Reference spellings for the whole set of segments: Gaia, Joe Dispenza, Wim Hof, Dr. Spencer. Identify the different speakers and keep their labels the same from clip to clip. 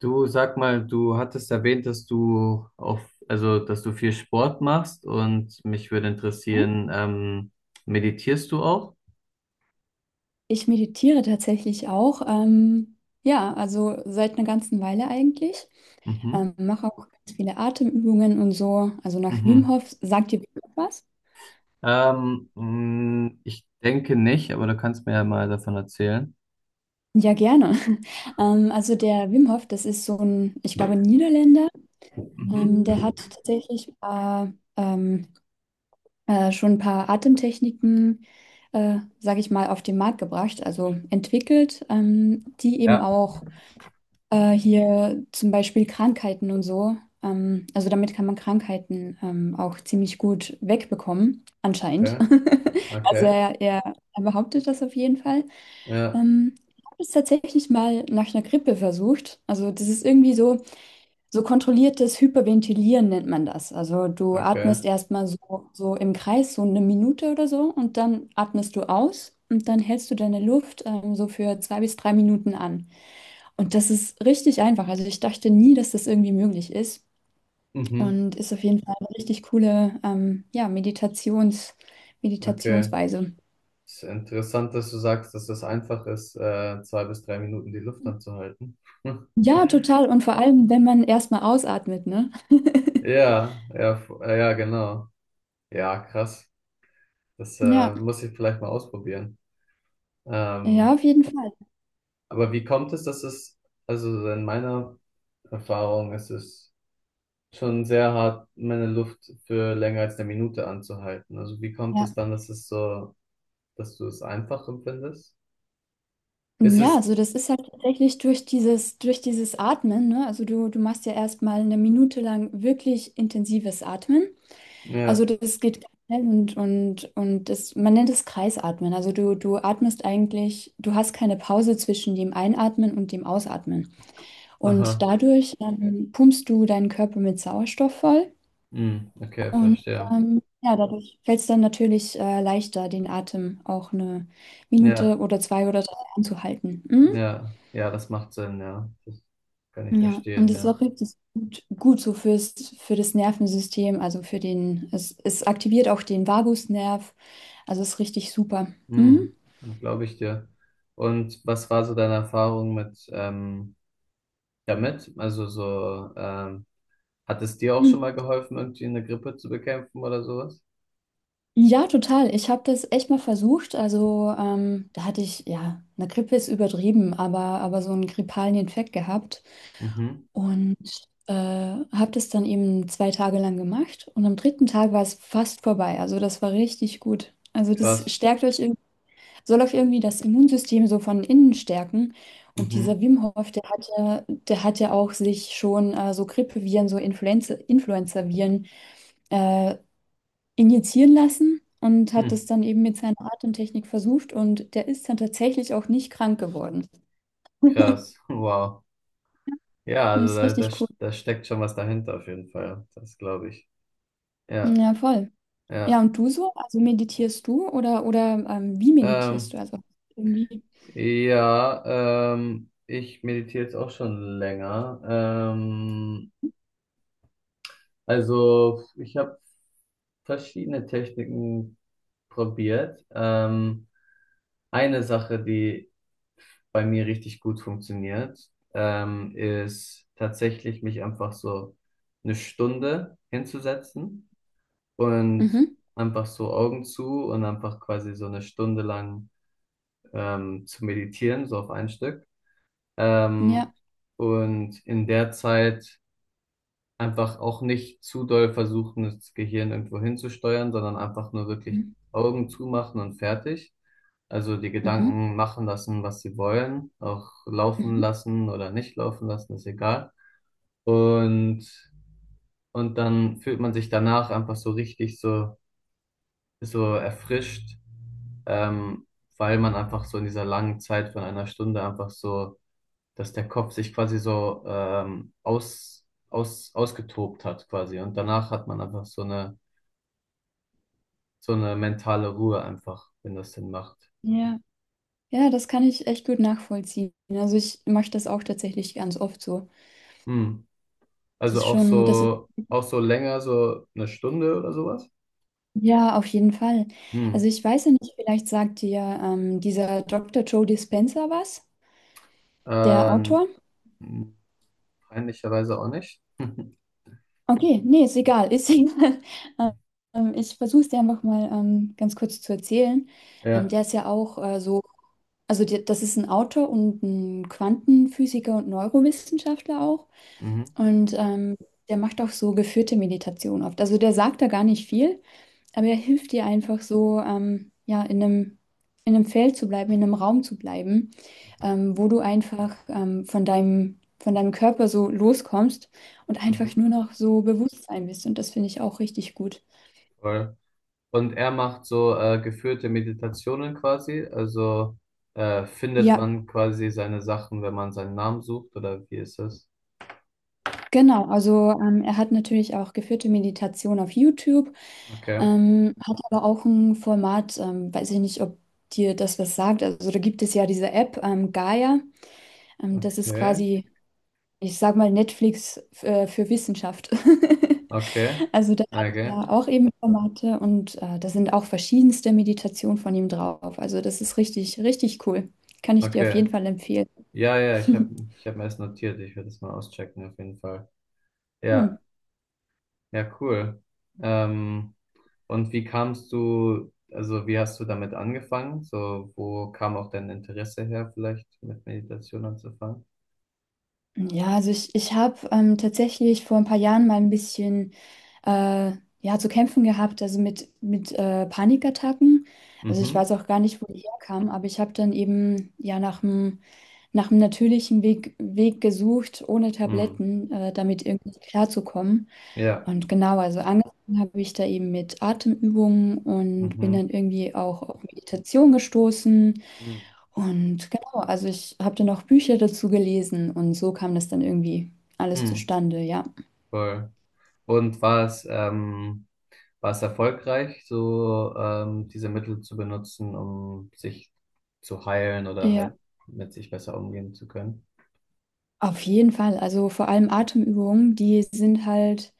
Speaker 1: Du sag mal, du hattest erwähnt, dass du auf, also dass du viel Sport machst und mich würde interessieren, meditierst du auch?
Speaker 2: Ich meditiere tatsächlich auch. Ja, also seit einer ganzen Weile eigentlich.
Speaker 1: Mhm.
Speaker 2: Mache auch ganz viele Atemübungen und so. Also nach Wim
Speaker 1: Mhm.
Speaker 2: Hof, sagt ihr was?
Speaker 1: Ich denke nicht, aber du kannst mir ja mal davon erzählen.
Speaker 2: Ja, gerne. Also der Wim Hof, das ist so ein, ich glaube, ein Niederländer.
Speaker 1: Mhm.
Speaker 2: Der hat tatsächlich ähm, schon ein paar Atemtechniken, sage ich mal, auf den Markt gebracht, also entwickelt, die eben
Speaker 1: Ja,
Speaker 2: auch äh, hier zum Beispiel Krankheiten und so. Also damit kann man Krankheiten auch ziemlich gut wegbekommen, anscheinend.
Speaker 1: okay,
Speaker 2: Also
Speaker 1: okay,
Speaker 2: er behauptet das auf jeden Fall.
Speaker 1: ja,
Speaker 2: Ich habe es tatsächlich mal nach einer Grippe versucht. Also das ist irgendwie so, so kontrolliertes Hyperventilieren nennt man das. Also du
Speaker 1: okay,
Speaker 2: atmest erstmal so im Kreis, so 1 Minute oder so, und dann atmest du aus und dann hältst du deine Luft so für 2 bis 3 Minuten an. Und das ist richtig einfach. Also ich dachte nie, dass das irgendwie möglich ist.
Speaker 1: mhm.
Speaker 2: Und ist auf jeden Fall eine richtig coole, ja,
Speaker 1: Okay.
Speaker 2: Meditationsweise.
Speaker 1: Ist interessant, dass du sagst, dass es einfach ist, zwei bis drei Minuten die Luft anzuhalten.
Speaker 2: Ja, total. Und vor allem, wenn man erstmal ausatmet, ne?
Speaker 1: Ja, ja, ja, genau. Ja, krass. Das
Speaker 2: Ja,
Speaker 1: muss ich vielleicht mal ausprobieren.
Speaker 2: ja,
Speaker 1: Ähm,
Speaker 2: auf jeden Fall.
Speaker 1: aber wie kommt es, dass es, also in meiner Erfahrung ist es schon sehr hart, meine Luft für länger als eine Minute anzuhalten. Also wie kommt es
Speaker 2: Ja.
Speaker 1: dann, dass es so, dass du es einfach empfindest? Ist
Speaker 2: Ja,
Speaker 1: es,
Speaker 2: also das ist halt tatsächlich durch dieses Atmen, ne? Also du machst ja erstmal 1 Minute lang wirklich intensives Atmen. Also
Speaker 1: ja,
Speaker 2: das geht ganz schnell und das, man nennt es Kreisatmen. Also du atmest eigentlich, du hast keine Pause zwischen dem Einatmen und dem Ausatmen. Und
Speaker 1: aha,
Speaker 2: dadurch pumpst du deinen Körper mit Sauerstoff voll
Speaker 1: hm, okay,
Speaker 2: und
Speaker 1: verstehe.
Speaker 2: ja, dadurch fällt es dann natürlich leichter, den Atem auch 1 Minute
Speaker 1: Ja,
Speaker 2: oder zwei oder drei anzuhalten. Mhm.
Speaker 1: ja, ja, das macht Sinn, ja. Das kann ich
Speaker 2: Ja, und
Speaker 1: verstehen,
Speaker 2: das ist
Speaker 1: ja.
Speaker 2: auch richtig gut so für das Nervensystem, also für den, es aktiviert auch den Vagusnerv. Also ist richtig super. Mhm.
Speaker 1: Hm, glaube ich dir. Und was war so deine Erfahrung mit, damit? Also so, hat es dir auch schon
Speaker 2: Mhm.
Speaker 1: mal geholfen, irgendwie eine Grippe zu bekämpfen oder sowas?
Speaker 2: Ja, total. Ich habe das echt mal versucht. Also da hatte ich, ja, eine Grippe ist übertrieben, aber so einen grippalen Infekt gehabt
Speaker 1: Mhm.
Speaker 2: und habe das dann eben 2 Tage lang gemacht und am 3. Tag war es fast vorbei. Also das war richtig gut. Also das
Speaker 1: Krass.
Speaker 2: stärkt euch, irg- soll euch irgendwie das Immunsystem so von innen stärken. Und dieser
Speaker 1: Mhm.
Speaker 2: Wim Hof, der hat ja auch sich schon so Grippeviren, so Influenzaviren äh, injizieren lassen und hat das
Speaker 1: Hm.
Speaker 2: dann eben mit seiner Atemtechnik versucht und der ist dann tatsächlich auch nicht krank geworden.
Speaker 1: Krass. Wow. Ja,
Speaker 2: Und das
Speaker 1: also
Speaker 2: ist
Speaker 1: da, da,
Speaker 2: richtig cool.
Speaker 1: da steckt schon was dahinter auf jeden Fall. Das glaube ich. Ja,
Speaker 2: Ja, voll. Ja,
Speaker 1: ja.
Speaker 2: und du so? Also meditierst du oder wie meditierst du?
Speaker 1: Ähm,
Speaker 2: Also irgendwie.
Speaker 1: ja, ich meditiere jetzt auch schon länger. Also ich habe verschiedene Techniken probiert. Eine Sache, die bei mir richtig gut funktioniert, ist tatsächlich mich einfach so eine Stunde hinzusetzen und
Speaker 2: Mhm.
Speaker 1: einfach so Augen zu und einfach quasi so eine Stunde lang zu meditieren, so auf ein Stück. Ähm,
Speaker 2: Ja.
Speaker 1: und in der Zeit einfach auch nicht zu doll versuchen, das Gehirn irgendwo hinzusteuern, sondern einfach nur wirklich
Speaker 2: Mhm.
Speaker 1: Augen zumachen und fertig. Also die
Speaker 2: Mhm.
Speaker 1: Gedanken machen lassen, was sie wollen, auch laufen
Speaker 2: Mhm.
Speaker 1: lassen oder nicht laufen lassen, ist egal. Und, und dann fühlt man sich danach einfach so richtig so, so erfrischt, ähm, weil man einfach so in dieser langen Zeit von einer Stunde einfach so dass der Kopf sich quasi so ausgetobt hat quasi. Und danach hat man einfach so eine mentale Ruhe einfach, wenn das denn macht.
Speaker 2: Ja. Ja, das kann ich echt gut nachvollziehen. Also ich mache das auch tatsächlich ganz oft so.
Speaker 1: Hm. Also
Speaker 2: Das ist
Speaker 1: auch so länger, so eine Stunde oder sowas.
Speaker 2: ja auf jeden Fall.
Speaker 1: Hm.
Speaker 2: Also ich weiß ja nicht, vielleicht sagt dir dieser Dr. Joe Dispenza was, der
Speaker 1: Ähm,
Speaker 2: Autor.
Speaker 1: Peinlicherweise auch nicht.
Speaker 2: Okay, nee, ist egal, ist egal. Ich versuche es dir einfach mal ganz kurz zu erzählen.
Speaker 1: Ja.
Speaker 2: Der ist ja auch so, also der, das ist ein Autor und ein Quantenphysiker und Neurowissenschaftler auch.
Speaker 1: Mhm.
Speaker 2: Und der macht auch so geführte Meditation oft. Also der sagt da gar nicht viel, aber er hilft dir einfach so, ja, in einem Feld zu bleiben, in einem Raum zu bleiben, wo du einfach von von deinem Körper so loskommst und
Speaker 1: Mhm. Mhm.
Speaker 2: einfach
Speaker 1: Mhm.
Speaker 2: nur noch so Bewusstsein bist. Und das finde ich auch richtig gut.
Speaker 1: Voll. Und er macht so geführte Meditationen quasi. Also findet
Speaker 2: Ja,
Speaker 1: man quasi seine Sachen, wenn man seinen Namen sucht, oder wie ist das?
Speaker 2: genau. Also er hat natürlich auch geführte Meditation auf YouTube,
Speaker 1: Okay,
Speaker 2: hat aber auch ein Format, weiß ich nicht, ob dir das was sagt. Also da gibt es ja diese App, Gaia. Das ist
Speaker 1: okay,
Speaker 2: quasi ich sag mal, Netflix für Wissenschaft.
Speaker 1: okay,
Speaker 2: Also da hat
Speaker 1: okay,
Speaker 2: er auch eben Formate und da sind auch verschiedenste Meditationen von ihm drauf. Also das ist richtig, richtig cool. Kann ich dir auf
Speaker 1: okay.
Speaker 2: jeden Fall empfehlen.
Speaker 1: Ja, ja, ich hab mir das notiert. Ich werde das mal auschecken auf jeden Fall. Ja,
Speaker 2: Cool.
Speaker 1: ja, cool. Ähm, und wie kamst du, also wie hast du damit angefangen? So, wo kam auch dein Interesse her, vielleicht mit Meditation anzufangen?
Speaker 2: Ja, ich habe tatsächlich vor ein paar Jahren mal ein bisschen äh, ja, zu kämpfen gehabt, also mit Panikattacken. Also ich
Speaker 1: Mhm,
Speaker 2: weiß auch gar nicht, wo die herkam, aber ich habe dann eben ja nach einem natürlichen Weg gesucht, ohne
Speaker 1: mhm,
Speaker 2: Tabletten, damit irgendwie klarzukommen.
Speaker 1: ja.
Speaker 2: Und genau, also angefangen habe ich da eben mit Atemübungen und bin
Speaker 1: Mhm.
Speaker 2: dann irgendwie auch auf Meditation gestoßen.
Speaker 1: Mhm.
Speaker 2: Und genau, also ich habe dann auch Bücher dazu gelesen und so kam das dann irgendwie alles
Speaker 1: Mhm.
Speaker 2: zustande, ja.
Speaker 1: Voll. Und war es erfolgreich, so diese Mittel zu benutzen, um sich zu heilen oder
Speaker 2: Ja,
Speaker 1: halt mit sich besser umgehen zu können?
Speaker 2: auf jeden Fall. Also vor allem Atemübungen,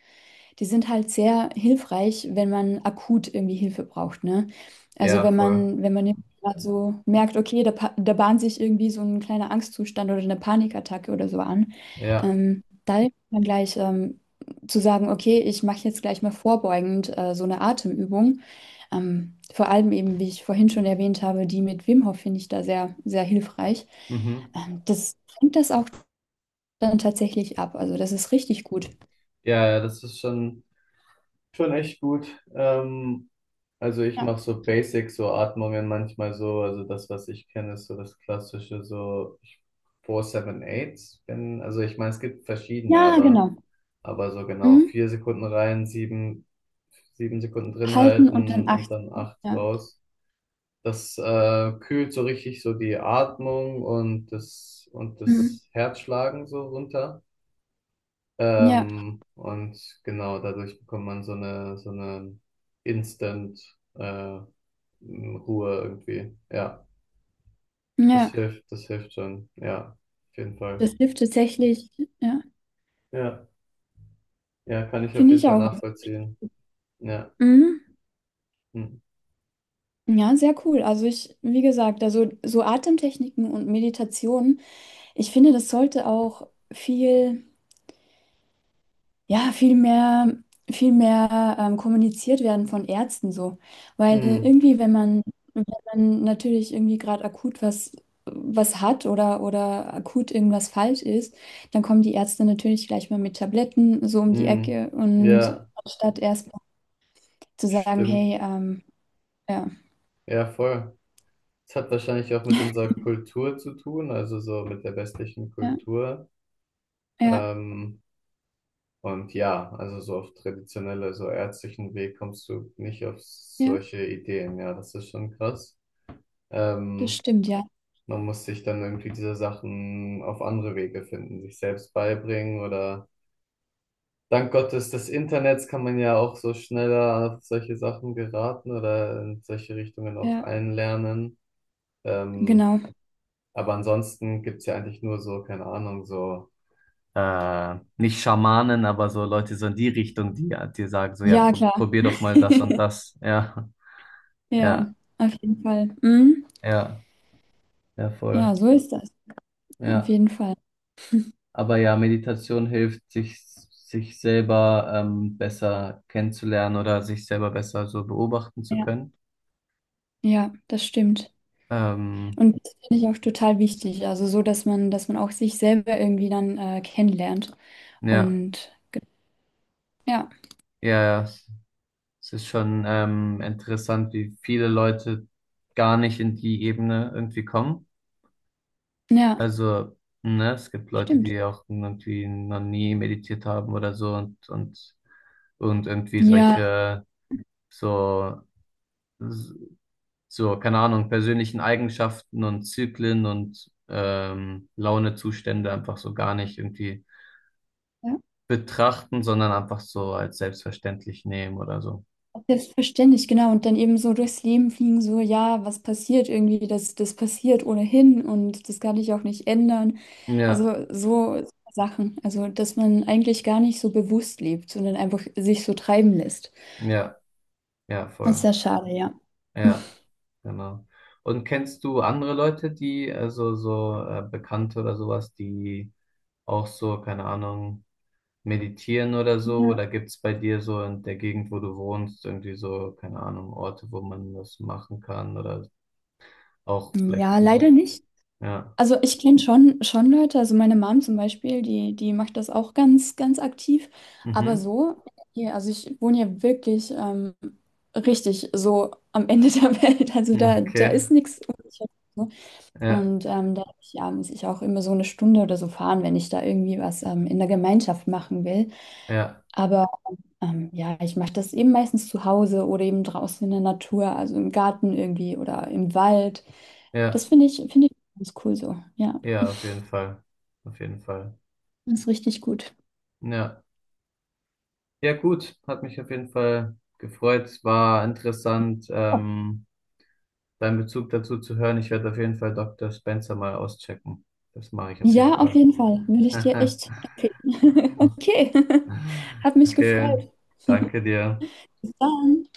Speaker 2: die sind halt sehr hilfreich, wenn man akut irgendwie Hilfe braucht, ne? Also
Speaker 1: Ja, voll.
Speaker 2: wenn man jetzt grad so merkt, okay, da bahnt sich irgendwie so ein kleiner Angstzustand oder eine Panikattacke oder so an,
Speaker 1: Ja.
Speaker 2: da hilft man gleich zu sagen, okay, ich mache jetzt gleich mal vorbeugend so eine Atemübung. Vor allem eben, wie ich vorhin schon erwähnt habe, die mit Wim Hof finde ich da sehr, sehr hilfreich.
Speaker 1: Mhm.
Speaker 2: Das fängt das auch dann tatsächlich ab. Also das ist richtig gut.
Speaker 1: Ja, ja, das ist schon echt gut. Ähm, also ich
Speaker 2: Ja,
Speaker 1: mache so Basic, so Atmungen manchmal so. Also das, was ich kenne, ist so das klassische, so 4-7-8. Also ich meine, es gibt verschiedene,
Speaker 2: ja
Speaker 1: aber.
Speaker 2: genau.
Speaker 1: Aber so genau vier Sekunden rein, sieben Sekunden drin
Speaker 2: Halten und dann
Speaker 1: halten und
Speaker 2: achten.
Speaker 1: dann acht
Speaker 2: Ja,
Speaker 1: raus. Das kühlt so richtig so die Atmung und das, und
Speaker 2: mhm.
Speaker 1: das Herzschlagen so runter.
Speaker 2: Ja,
Speaker 1: Und genau dadurch bekommt man so eine Instant äh, Ruhe irgendwie. Ja,
Speaker 2: ja.
Speaker 1: das hilft schon. Ja, auf jeden Fall.
Speaker 2: Das hilft tatsächlich, ja,
Speaker 1: Ja, ja, kann ich auf
Speaker 2: finde
Speaker 1: jeden
Speaker 2: ich
Speaker 1: Fall
Speaker 2: auch. Also,
Speaker 1: nachvollziehen. Ja.
Speaker 2: mhm.
Speaker 1: Hm.
Speaker 2: Ja, sehr cool. Also ich, wie gesagt, also so Atemtechniken und Meditationen, ich finde, das sollte auch viel ja, viel mehr kommuniziert werden von Ärzten so. Weil
Speaker 1: Hm.
Speaker 2: irgendwie, wenn man natürlich irgendwie gerade akut was, was hat oder akut irgendwas falsch ist, dann kommen die Ärzte natürlich gleich mal mit Tabletten so um die
Speaker 1: Hm,
Speaker 2: Ecke und
Speaker 1: ja,
Speaker 2: anstatt erst mal zu sagen,
Speaker 1: stimmt.
Speaker 2: hey, ja,
Speaker 1: Ja, voll. Es hat wahrscheinlich auch mit unserer Kultur zu tun, also so mit der westlichen
Speaker 2: ja,
Speaker 1: Kultur.
Speaker 2: ja,
Speaker 1: Ähm, und ja, also so auf traditionelle, so ärztlichen Weg kommst du nicht auf
Speaker 2: ja,
Speaker 1: solche Ideen. Ja, das ist schon krass.
Speaker 2: das
Speaker 1: Ähm,
Speaker 2: stimmt, ja,
Speaker 1: Man muss sich dann irgendwie diese Sachen auf andere Wege finden, sich selbst beibringen oder dank Gottes des Internets kann man ja auch so schneller auf solche Sachen geraten oder in solche Richtungen auch
Speaker 2: ja,
Speaker 1: einlernen. Ähm,
Speaker 2: genau.
Speaker 1: aber ansonsten gibt's ja eigentlich nur so, keine Ahnung, so, nicht Schamanen, aber so Leute so in die Richtung, die, die sagen so, ja,
Speaker 2: Ja, klar,
Speaker 1: probier doch mal das und das. Ja,
Speaker 2: ja,
Speaker 1: ja,
Speaker 2: auf jeden Fall. Mhm.
Speaker 1: ja, ja, voll.
Speaker 2: Ja, so ist das. Auf
Speaker 1: Ja.
Speaker 2: jeden Fall.
Speaker 1: Aber ja, Meditation hilft, sich selber besser kennenzulernen oder sich selber besser so beobachten zu
Speaker 2: Ja,
Speaker 1: können.
Speaker 2: ja, das stimmt.
Speaker 1: Ähm,
Speaker 2: Und das finde ich auch total wichtig. Also so, dass man auch sich selber irgendwie dann kennenlernt.
Speaker 1: ja,
Speaker 2: Und ja,
Speaker 1: ja, ja. Es ist schon interessant, wie viele Leute gar nicht in die Ebene irgendwie kommen.
Speaker 2: ja,
Speaker 1: Also, ne, es gibt Leute,
Speaker 2: stimmt.
Speaker 1: die auch irgendwie noch nie meditiert haben oder so und, und irgendwie
Speaker 2: Ja,
Speaker 1: solche, so, so, keine Ahnung, persönlichen Eigenschaften und Zyklen und Launezustände einfach so gar nicht irgendwie
Speaker 2: ja.
Speaker 1: betrachten, sondern einfach so als selbstverständlich nehmen oder so.
Speaker 2: Selbstverständlich, genau. Und dann eben so durchs Leben fliegen, so, ja, was passiert irgendwie, das passiert ohnehin und das kann ich auch nicht ändern.
Speaker 1: Ja,
Speaker 2: Also so Sachen. Also, dass man eigentlich gar nicht so bewusst lebt, sondern einfach sich so treiben lässt.
Speaker 1: ja, ja,
Speaker 2: Das ist
Speaker 1: voll.
Speaker 2: ja schade, ja.
Speaker 1: Ja, genau. Und kennst du andere Leute, die, also so Bekannte oder sowas, die auch so, keine Ahnung, meditieren oder so?
Speaker 2: Ja,
Speaker 1: Oder gibt's bei dir so in der Gegend, wo du wohnst, irgendwie so, keine Ahnung, Orte, wo man das machen kann? Oder auch vielleicht,
Speaker 2: ja leider nicht.
Speaker 1: ja.
Speaker 2: Also ich kenne schon Leute, also meine Mom zum Beispiel, die macht das auch ganz, ganz aktiv. Aber
Speaker 1: Mhm.
Speaker 2: so, hier, also ich wohne ja wirklich richtig so am Ende der Welt. Also da
Speaker 1: Okay.
Speaker 2: ist nichts.
Speaker 1: Ja,
Speaker 2: Und da ja, muss ich auch immer so 1 Stunde oder so fahren, wenn ich da irgendwie was in der Gemeinschaft machen will.
Speaker 1: ja,
Speaker 2: Aber ja, ich mache das eben meistens zu Hause oder eben draußen in der Natur, also im Garten irgendwie oder im Wald. Das
Speaker 1: ja,
Speaker 2: finde ich ganz cool so. Ja,
Speaker 1: ja, auf jeden Fall. Auf jeden Fall.
Speaker 2: das ist richtig gut.
Speaker 1: Ja. Ja, gut. Hat mich auf jeden Fall gefreut. Es war interessant.
Speaker 2: Oh.
Speaker 1: Deinen Bezug dazu zu hören. Ich werde auf jeden Fall Dr. Spencer mal auschecken. Das mache ich auf
Speaker 2: Ja,
Speaker 1: jeden
Speaker 2: auf
Speaker 1: Fall.
Speaker 2: jeden Fall. Würde ich dir echt empfehlen. Okay. Hat mich
Speaker 1: Okay,
Speaker 2: gefreut.
Speaker 1: danke dir.
Speaker 2: Bis dann.